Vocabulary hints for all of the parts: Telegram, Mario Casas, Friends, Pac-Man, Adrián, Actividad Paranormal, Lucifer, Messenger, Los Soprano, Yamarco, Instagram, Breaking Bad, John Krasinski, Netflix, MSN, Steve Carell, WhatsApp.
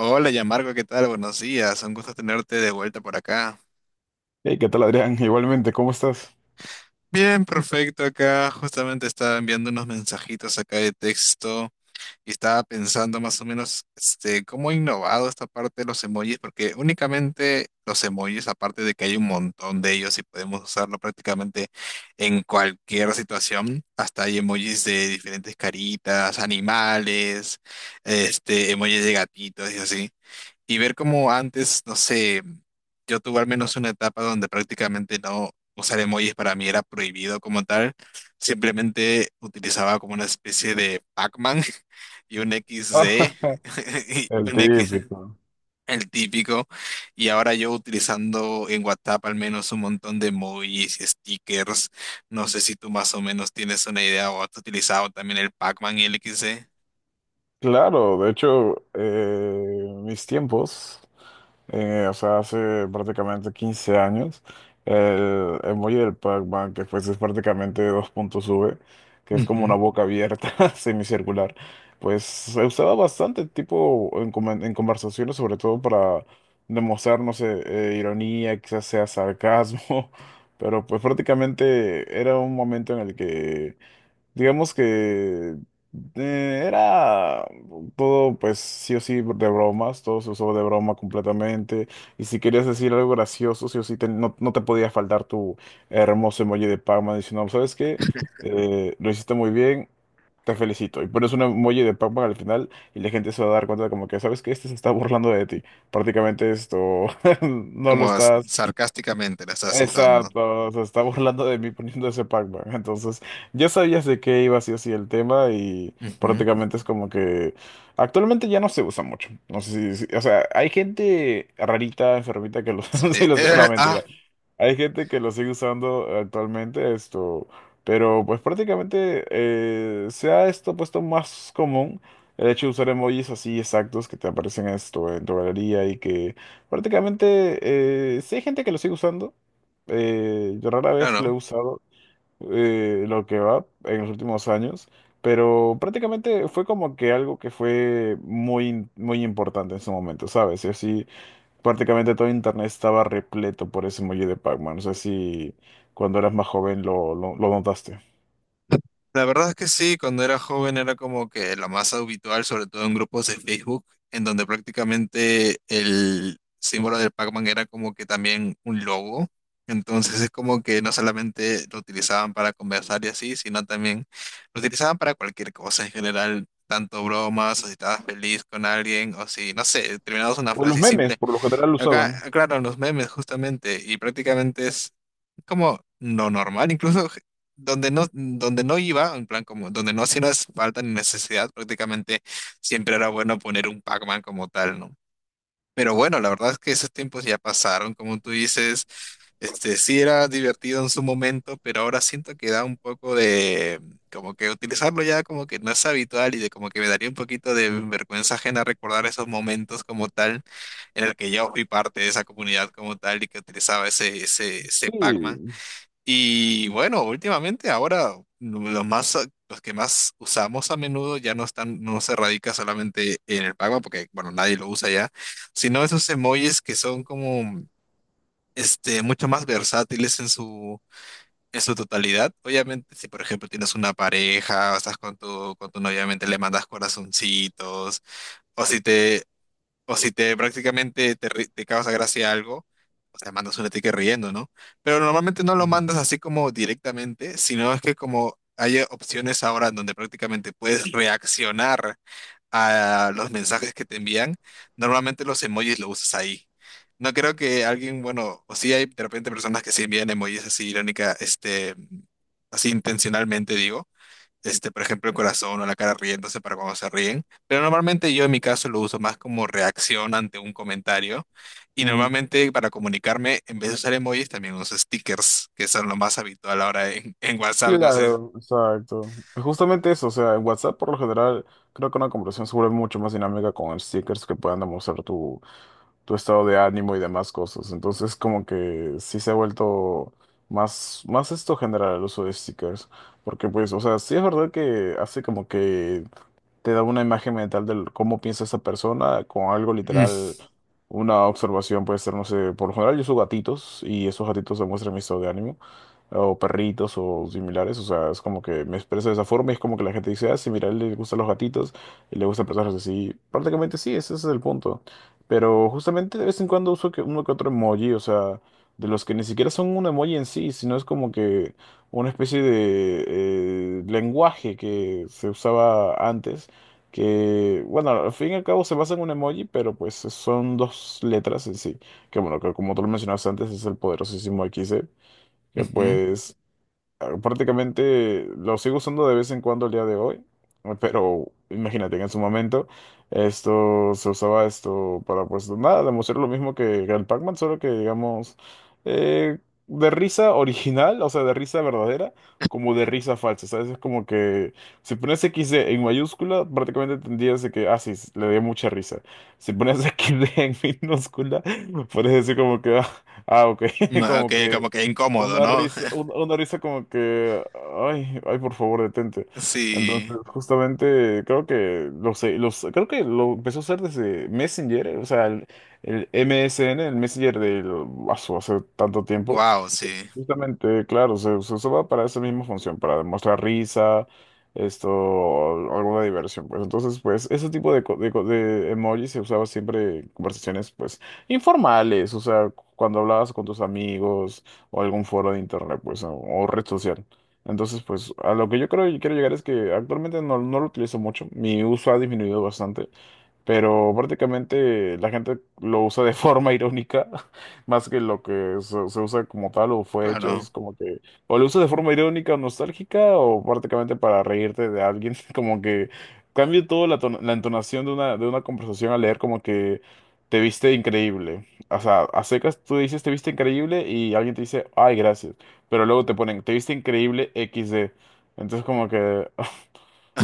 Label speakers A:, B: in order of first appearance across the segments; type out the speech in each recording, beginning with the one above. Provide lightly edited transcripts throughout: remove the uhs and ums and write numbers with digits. A: Hola, Yamarco, ¿qué tal? Buenos días, un gusto tenerte de vuelta por acá.
B: Hey, ¿qué tal, Adrián? Igualmente, ¿cómo estás?
A: Bien, perfecto, acá justamente estaba enviando unos mensajitos acá de texto y estaba pensando más o menos cómo ha innovado esta parte de los emojis, porque únicamente los emojis, aparte de que hay un montón de ellos y podemos usarlo prácticamente en cualquier situación, hasta hay emojis de diferentes caritas, animales, emojis de gatitos y así. Y ver cómo antes, no sé, yo tuve al menos una etapa donde prácticamente no usar emojis para mí era prohibido como tal. Simplemente utilizaba como una especie de Pac-Man y un
B: Ah,
A: XD, y
B: el
A: un X,
B: típico.
A: el típico. Y ahora yo utilizando en WhatsApp al menos un montón de emojis y stickers. No sé si tú más o menos tienes una idea o has utilizado también el Pac-Man y el XD.
B: Claro, de hecho, mis tiempos. O sea, hace prácticamente 15 años, el emoji del Pac-Man, que pues es prácticamente dos puntos V, que es como una
A: Ujú.
B: boca abierta, semicircular, pues se usaba bastante tipo en, en conversaciones, sobre todo para demostrar, no sé, ironía, quizás sea sarcasmo, pero pues prácticamente era un momento en el que digamos que era todo, pues sí o sí, de bromas, todo se usó de broma completamente. Y si querías decir algo gracioso, sí o sí, no, no te podía faltar tu hermoso emoji de Pac-Man diciendo, ¿sabes qué? Lo hiciste muy bien, te felicito. Y pones un emoji de Pac-Man al final y la gente se va a dar cuenta de como que, ¿sabes qué? Este se está burlando de ti. Prácticamente esto no lo
A: Como
B: estás.
A: sarcásticamente la estás usando.
B: Exacto, se está burlando de mí poniendo ese Pac-Man. Entonces, ya sabías de qué iba así así el tema y
A: Ujú.
B: prácticamente es como que actualmente ya no se usa mucho. No sé si, o sea, hay gente rarita, enfermita que lo, sí
A: Sí,
B: lo usa. No, mentira. Hay gente que lo sigue usando actualmente esto, pero pues prácticamente se ha esto puesto más común el hecho de usar emojis así exactos que te aparecen esto en tu galería y que prácticamente sí hay gente que lo sigue usando. Yo rara vez lo he
A: claro.
B: usado lo que va en los últimos años, pero prácticamente fue como que algo que fue muy, muy importante en su momento, ¿sabes? Y así prácticamente todo internet estaba repleto por ese emoji de Pac-Man. No sé si cuando eras más joven lo notaste.
A: La verdad es que sí, cuando era joven era como que la masa habitual, sobre todo en grupos de Facebook, en donde prácticamente el símbolo del Pac-Man era como que también un logo. Entonces es como que no solamente lo utilizaban para conversar y así, sino también lo utilizaban para cualquier cosa en general, tanto bromas, o si estabas feliz con alguien, o si, no sé, terminabas una
B: O los
A: frase
B: memes,
A: simple.
B: por lo general, lo
A: Acá,
B: usaban.
A: claro, los memes justamente, y prácticamente es como lo normal, incluso donde no iba, en plan como donde no hacía falta ni necesidad, prácticamente siempre era bueno poner un Pac-Man como tal, ¿no? Pero bueno, la verdad es que esos tiempos ya pasaron, como tú dices, este sí era divertido en su momento, pero ahora siento que da un poco de como que utilizarlo ya como que no es habitual y de como que me daría un poquito de vergüenza ajena recordar esos momentos como tal en el que yo fui parte de esa comunidad como tal y que utilizaba ese Pac-Man.
B: Sí.
A: Y bueno, últimamente ahora los más, los que más usamos a menudo ya no están, no se radica solamente en el Pac-Man, porque bueno, nadie lo usa ya, sino esos emojis que son como mucho más versátiles en su totalidad. Obviamente, si por ejemplo tienes una pareja, o estás con tu novia, obviamente le mandas corazoncitos, o si te o si te prácticamente te causa gracia algo, o sea, mandas un sticker riendo, ¿no? Pero normalmente no lo
B: Ujú.
A: mandas así como directamente, sino es que como hay opciones ahora en donde prácticamente puedes reaccionar a los mensajes que te envían, normalmente los emojis lo usas ahí. No creo que alguien, bueno, o sí hay de repente personas que sí envían emojis así irónica, así intencionalmente digo, por ejemplo, el corazón o la cara riéndose para cuando se ríen. Pero normalmente yo en mi caso lo uso más como reacción ante un comentario. Y
B: Ujú.
A: normalmente para comunicarme, en vez de usar emojis, también uso stickers, que son lo más habitual ahora en WhatsApp. No sé.
B: Claro, exacto. Justamente eso, o sea, en WhatsApp por lo general creo que una conversación se vuelve mucho más dinámica con stickers que puedan demostrar tu estado de ánimo y demás cosas. Entonces, como que sí se ha vuelto más, más esto general el uso de stickers. Porque, pues, o sea, sí es verdad que hace como que te da una imagen mental de cómo piensa esa persona con algo
A: Mm,
B: literal, una observación puede ser, no sé, por lo general yo uso gatitos y esos gatitos se muestran mi estado de ánimo, o perritos o similares, o sea, es como que me expreso de esa forma y es como que la gente dice, ah, sí, mira, a él le gustan los gatitos y le gustan personas así, prácticamente sí, ese es el punto, pero justamente de vez en cuando uso que uno que otro emoji, o sea, de los que ni siquiera son un emoji en sí, sino es como que una especie de lenguaje que se usaba antes que, bueno, al fin y al cabo se basa en un emoji, pero pues son dos letras en sí, que bueno, que como tú lo mencionabas antes, es el poderosísimo XD, que
A: ujú.
B: pues ah, prácticamente lo sigo usando de vez en cuando el día de hoy, pero imagínate que en su momento esto se usaba esto para pues nada, demostrar lo mismo que el Pac-Man, solo que digamos eh, de risa original, o sea, de risa verdadera, como de risa falsa, ¿sabes? Es como que si pones XD en mayúscula, prácticamente entendías de que, ah, sí, le dio mucha risa. Si pones XD en minúscula, puedes decir como que, ah, ah, ok,
A: No,
B: como
A: ok,
B: que...
A: como que incómodo,
B: una
A: ¿no?
B: risa, una risa como que, ay, ay, por favor, detente.
A: Sí.
B: Entonces, justamente, creo que, lo sé, los, creo que lo empezó a hacer desde Messenger, o sea, el MSN, el Messenger del, hace tanto tiempo.
A: Wow,
B: Y
A: sí.
B: justamente, claro, se usaba para esa misma función, para demostrar risa, esto, o alguna diversión, pues. Entonces, pues, ese tipo de, de emojis se usaba siempre en conversaciones, pues, informales, o sea, cuando hablabas con tus amigos o algún foro de internet, pues, o red social. Entonces, pues, a lo que yo creo y quiero llegar es que actualmente no, no lo utilizo mucho. Mi uso ha disminuido bastante. Pero prácticamente la gente lo usa de forma irónica, más que lo que se usa como tal o fue hecho.
A: Claro.
B: Es como que o lo usas de forma irónica o nostálgica o prácticamente para reírte de alguien. Como que cambia toda la, la entonación de una conversación al leer como que te viste increíble. O sea, a secas tú dices te viste increíble y alguien te dice, ay, gracias. Pero luego te ponen, te viste increíble equis de. Entonces como que...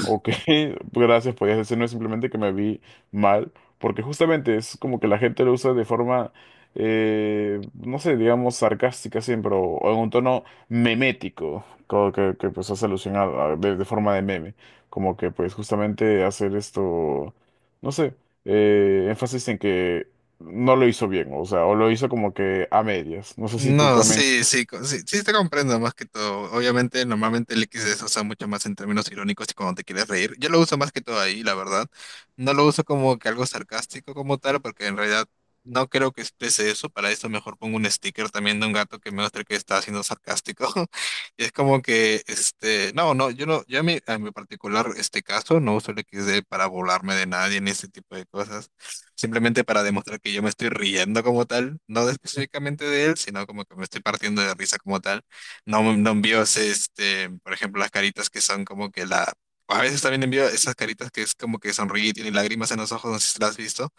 B: ok, gracias, podías decir, no es simplemente que me vi mal, porque justamente es como que la gente lo usa de forma, no sé, digamos sarcástica siempre, o en un tono memético, como que, pues hace alusión de forma de meme, como que pues justamente hacer esto, no sé, énfasis en que no lo hizo bien, o sea, o lo hizo como que a medias, no sé si tú
A: No,
B: también,
A: sí, sí, sí, sí te comprendo más que todo. Obviamente, normalmente el XD se usa mucho más en términos irónicos y cuando te quieres reír. Yo lo uso más que todo ahí, la verdad. No lo uso como que algo sarcástico como tal, porque en realidad no creo que exprese eso. Para eso mejor pongo un sticker también de un gato que me muestre que está siendo sarcástico. Y es como que, no, no, yo a a mi particular este caso no uso el XD para burlarme de nadie ni ese tipo de cosas, simplemente para demostrar que yo me estoy riendo como tal, no de- específicamente de él, sino como que me estoy partiendo de risa como tal. No, no envío, ese, este, por ejemplo, las caritas que son como que la... A veces también envío esas caritas que es como que sonríe y tiene lágrimas en los ojos, no sé si las has visto,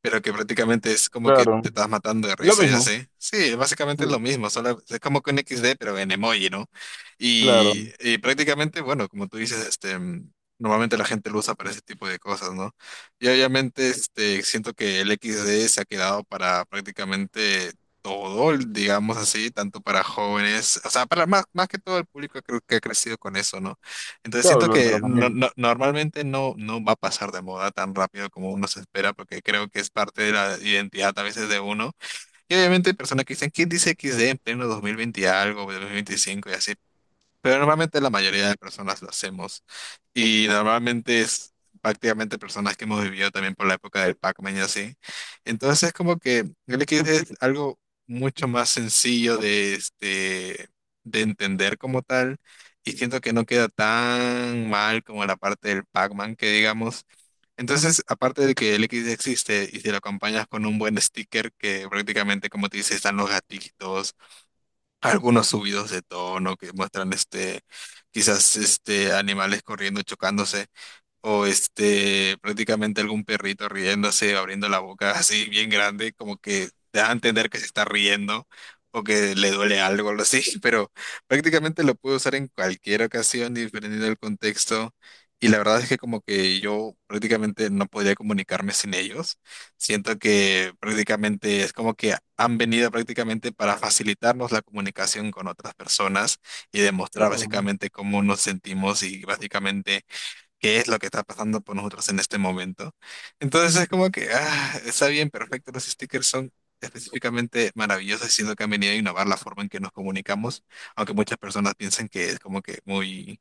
A: pero que prácticamente es como que te
B: claro,
A: estás matando de
B: lo
A: risa, ya
B: mismo,
A: sé. Sí, básicamente es lo
B: sí,
A: mismo, solo es como que un X D pero en emoji, ¿no?
B: claro,
A: Y prácticamente, bueno, como tú dices, normalmente la gente lo usa para ese tipo de cosas, ¿no? Y obviamente, siento que el X D se ha quedado para prácticamente todo, digamos así, tanto para jóvenes, o sea, para más que todo el público creo que ha crecido con eso, ¿no? Entonces
B: claro,
A: siento
B: lo de los
A: que
B: dos mil
A: normalmente no va a pasar de moda tan rápido como uno se espera, porque creo que es parte de la identidad a veces de uno. Y obviamente hay personas que dicen, ¿quién dice XD en pleno 2020 y algo, 2025 y así? Pero normalmente la mayoría de personas lo hacemos. Y normalmente es prácticamente personas que hemos vivido también por la época del Pac-Man y así. Entonces es como que el Liquid es algo mucho más sencillo de, de entender como tal. Y siento que no queda tan mal como la parte del Pac-Man que digamos. Entonces, aparte de que el Liquid existe y si lo acompañas con un buen sticker que prácticamente, como te dice, están los gatitos algunos subidos de tono que muestran quizás animales corriendo, chocándose o prácticamente algún perrito riéndose, abriendo la boca así bien grande, como que te da a entender que se está riendo o que le duele algo, algo así, pero prácticamente lo puedo usar en cualquier ocasión, dependiendo del contexto. Y la verdad es que como que yo prácticamente no podía comunicarme sin ellos. Siento que prácticamente es como que han venido prácticamente para facilitarnos la comunicación con otras personas y demostrar
B: claro.
A: básicamente cómo nos sentimos y básicamente qué es lo que está pasando por nosotros en este momento. Entonces es como que, ah, está bien, perfecto, los stickers son específicamente maravillosos, siendo que han venido a innovar la forma en que nos comunicamos, aunque muchas personas piensan que es como que muy,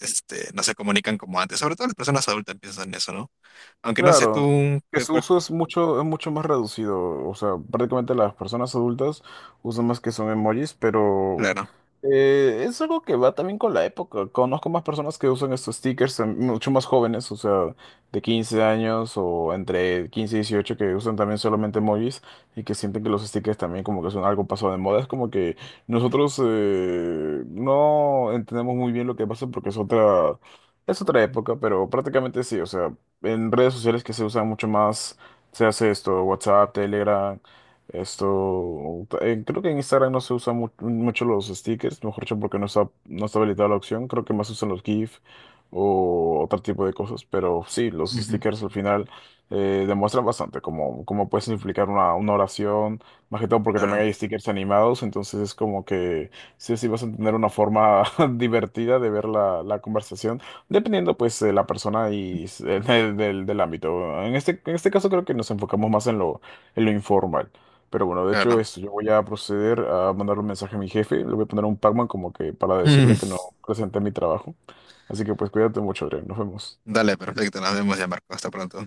A: no se comunican como antes, sobre todo las personas adultas piensan eso, ¿no? Aunque no sé
B: Claro,
A: tú,
B: que su uso es mucho más reducido. O sea, prácticamente las personas adultas usan más que son emojis, pero
A: claro.
B: es algo que va también con la época. Conozco más personas que usan estos stickers, mucho más jóvenes, o sea, de 15 años o entre 15 y 18 que usan también solamente emojis y que sienten que los stickers también como que son algo pasado de moda. Es como que nosotros no entendemos muy bien lo que pasa porque es otra... Es otra época, pero prácticamente sí, o sea, en redes sociales que se usan mucho más, se hace esto, WhatsApp, Telegram, esto, creo que en Instagram no se usan mucho los stickers, mejor dicho, porque no está, no está habilitada la opción, creo que más usan los GIF o otro tipo de cosas, pero sí, los
A: Ujú.
B: stickers al final demuestran bastante cómo, cómo puedes implicar una oración, más que todo porque también
A: Claro,
B: hay stickers animados, entonces es como que sí, sí vas a tener una forma divertida de ver la, la conversación. Dependiendo pues de la persona y del, del ámbito. En este caso creo que nos enfocamos más en lo informal. Pero bueno, de hecho
A: claro.
B: esto, yo voy a proceder a mandar un mensaje a mi jefe. Le voy a poner un Pac-Man como que para decirle que no
A: Mm,
B: presenté mi trabajo. Así que pues cuídate mucho, Adrián. Nos vemos.
A: dale, perfecto, nos vemos ya, Marco, hasta pronto.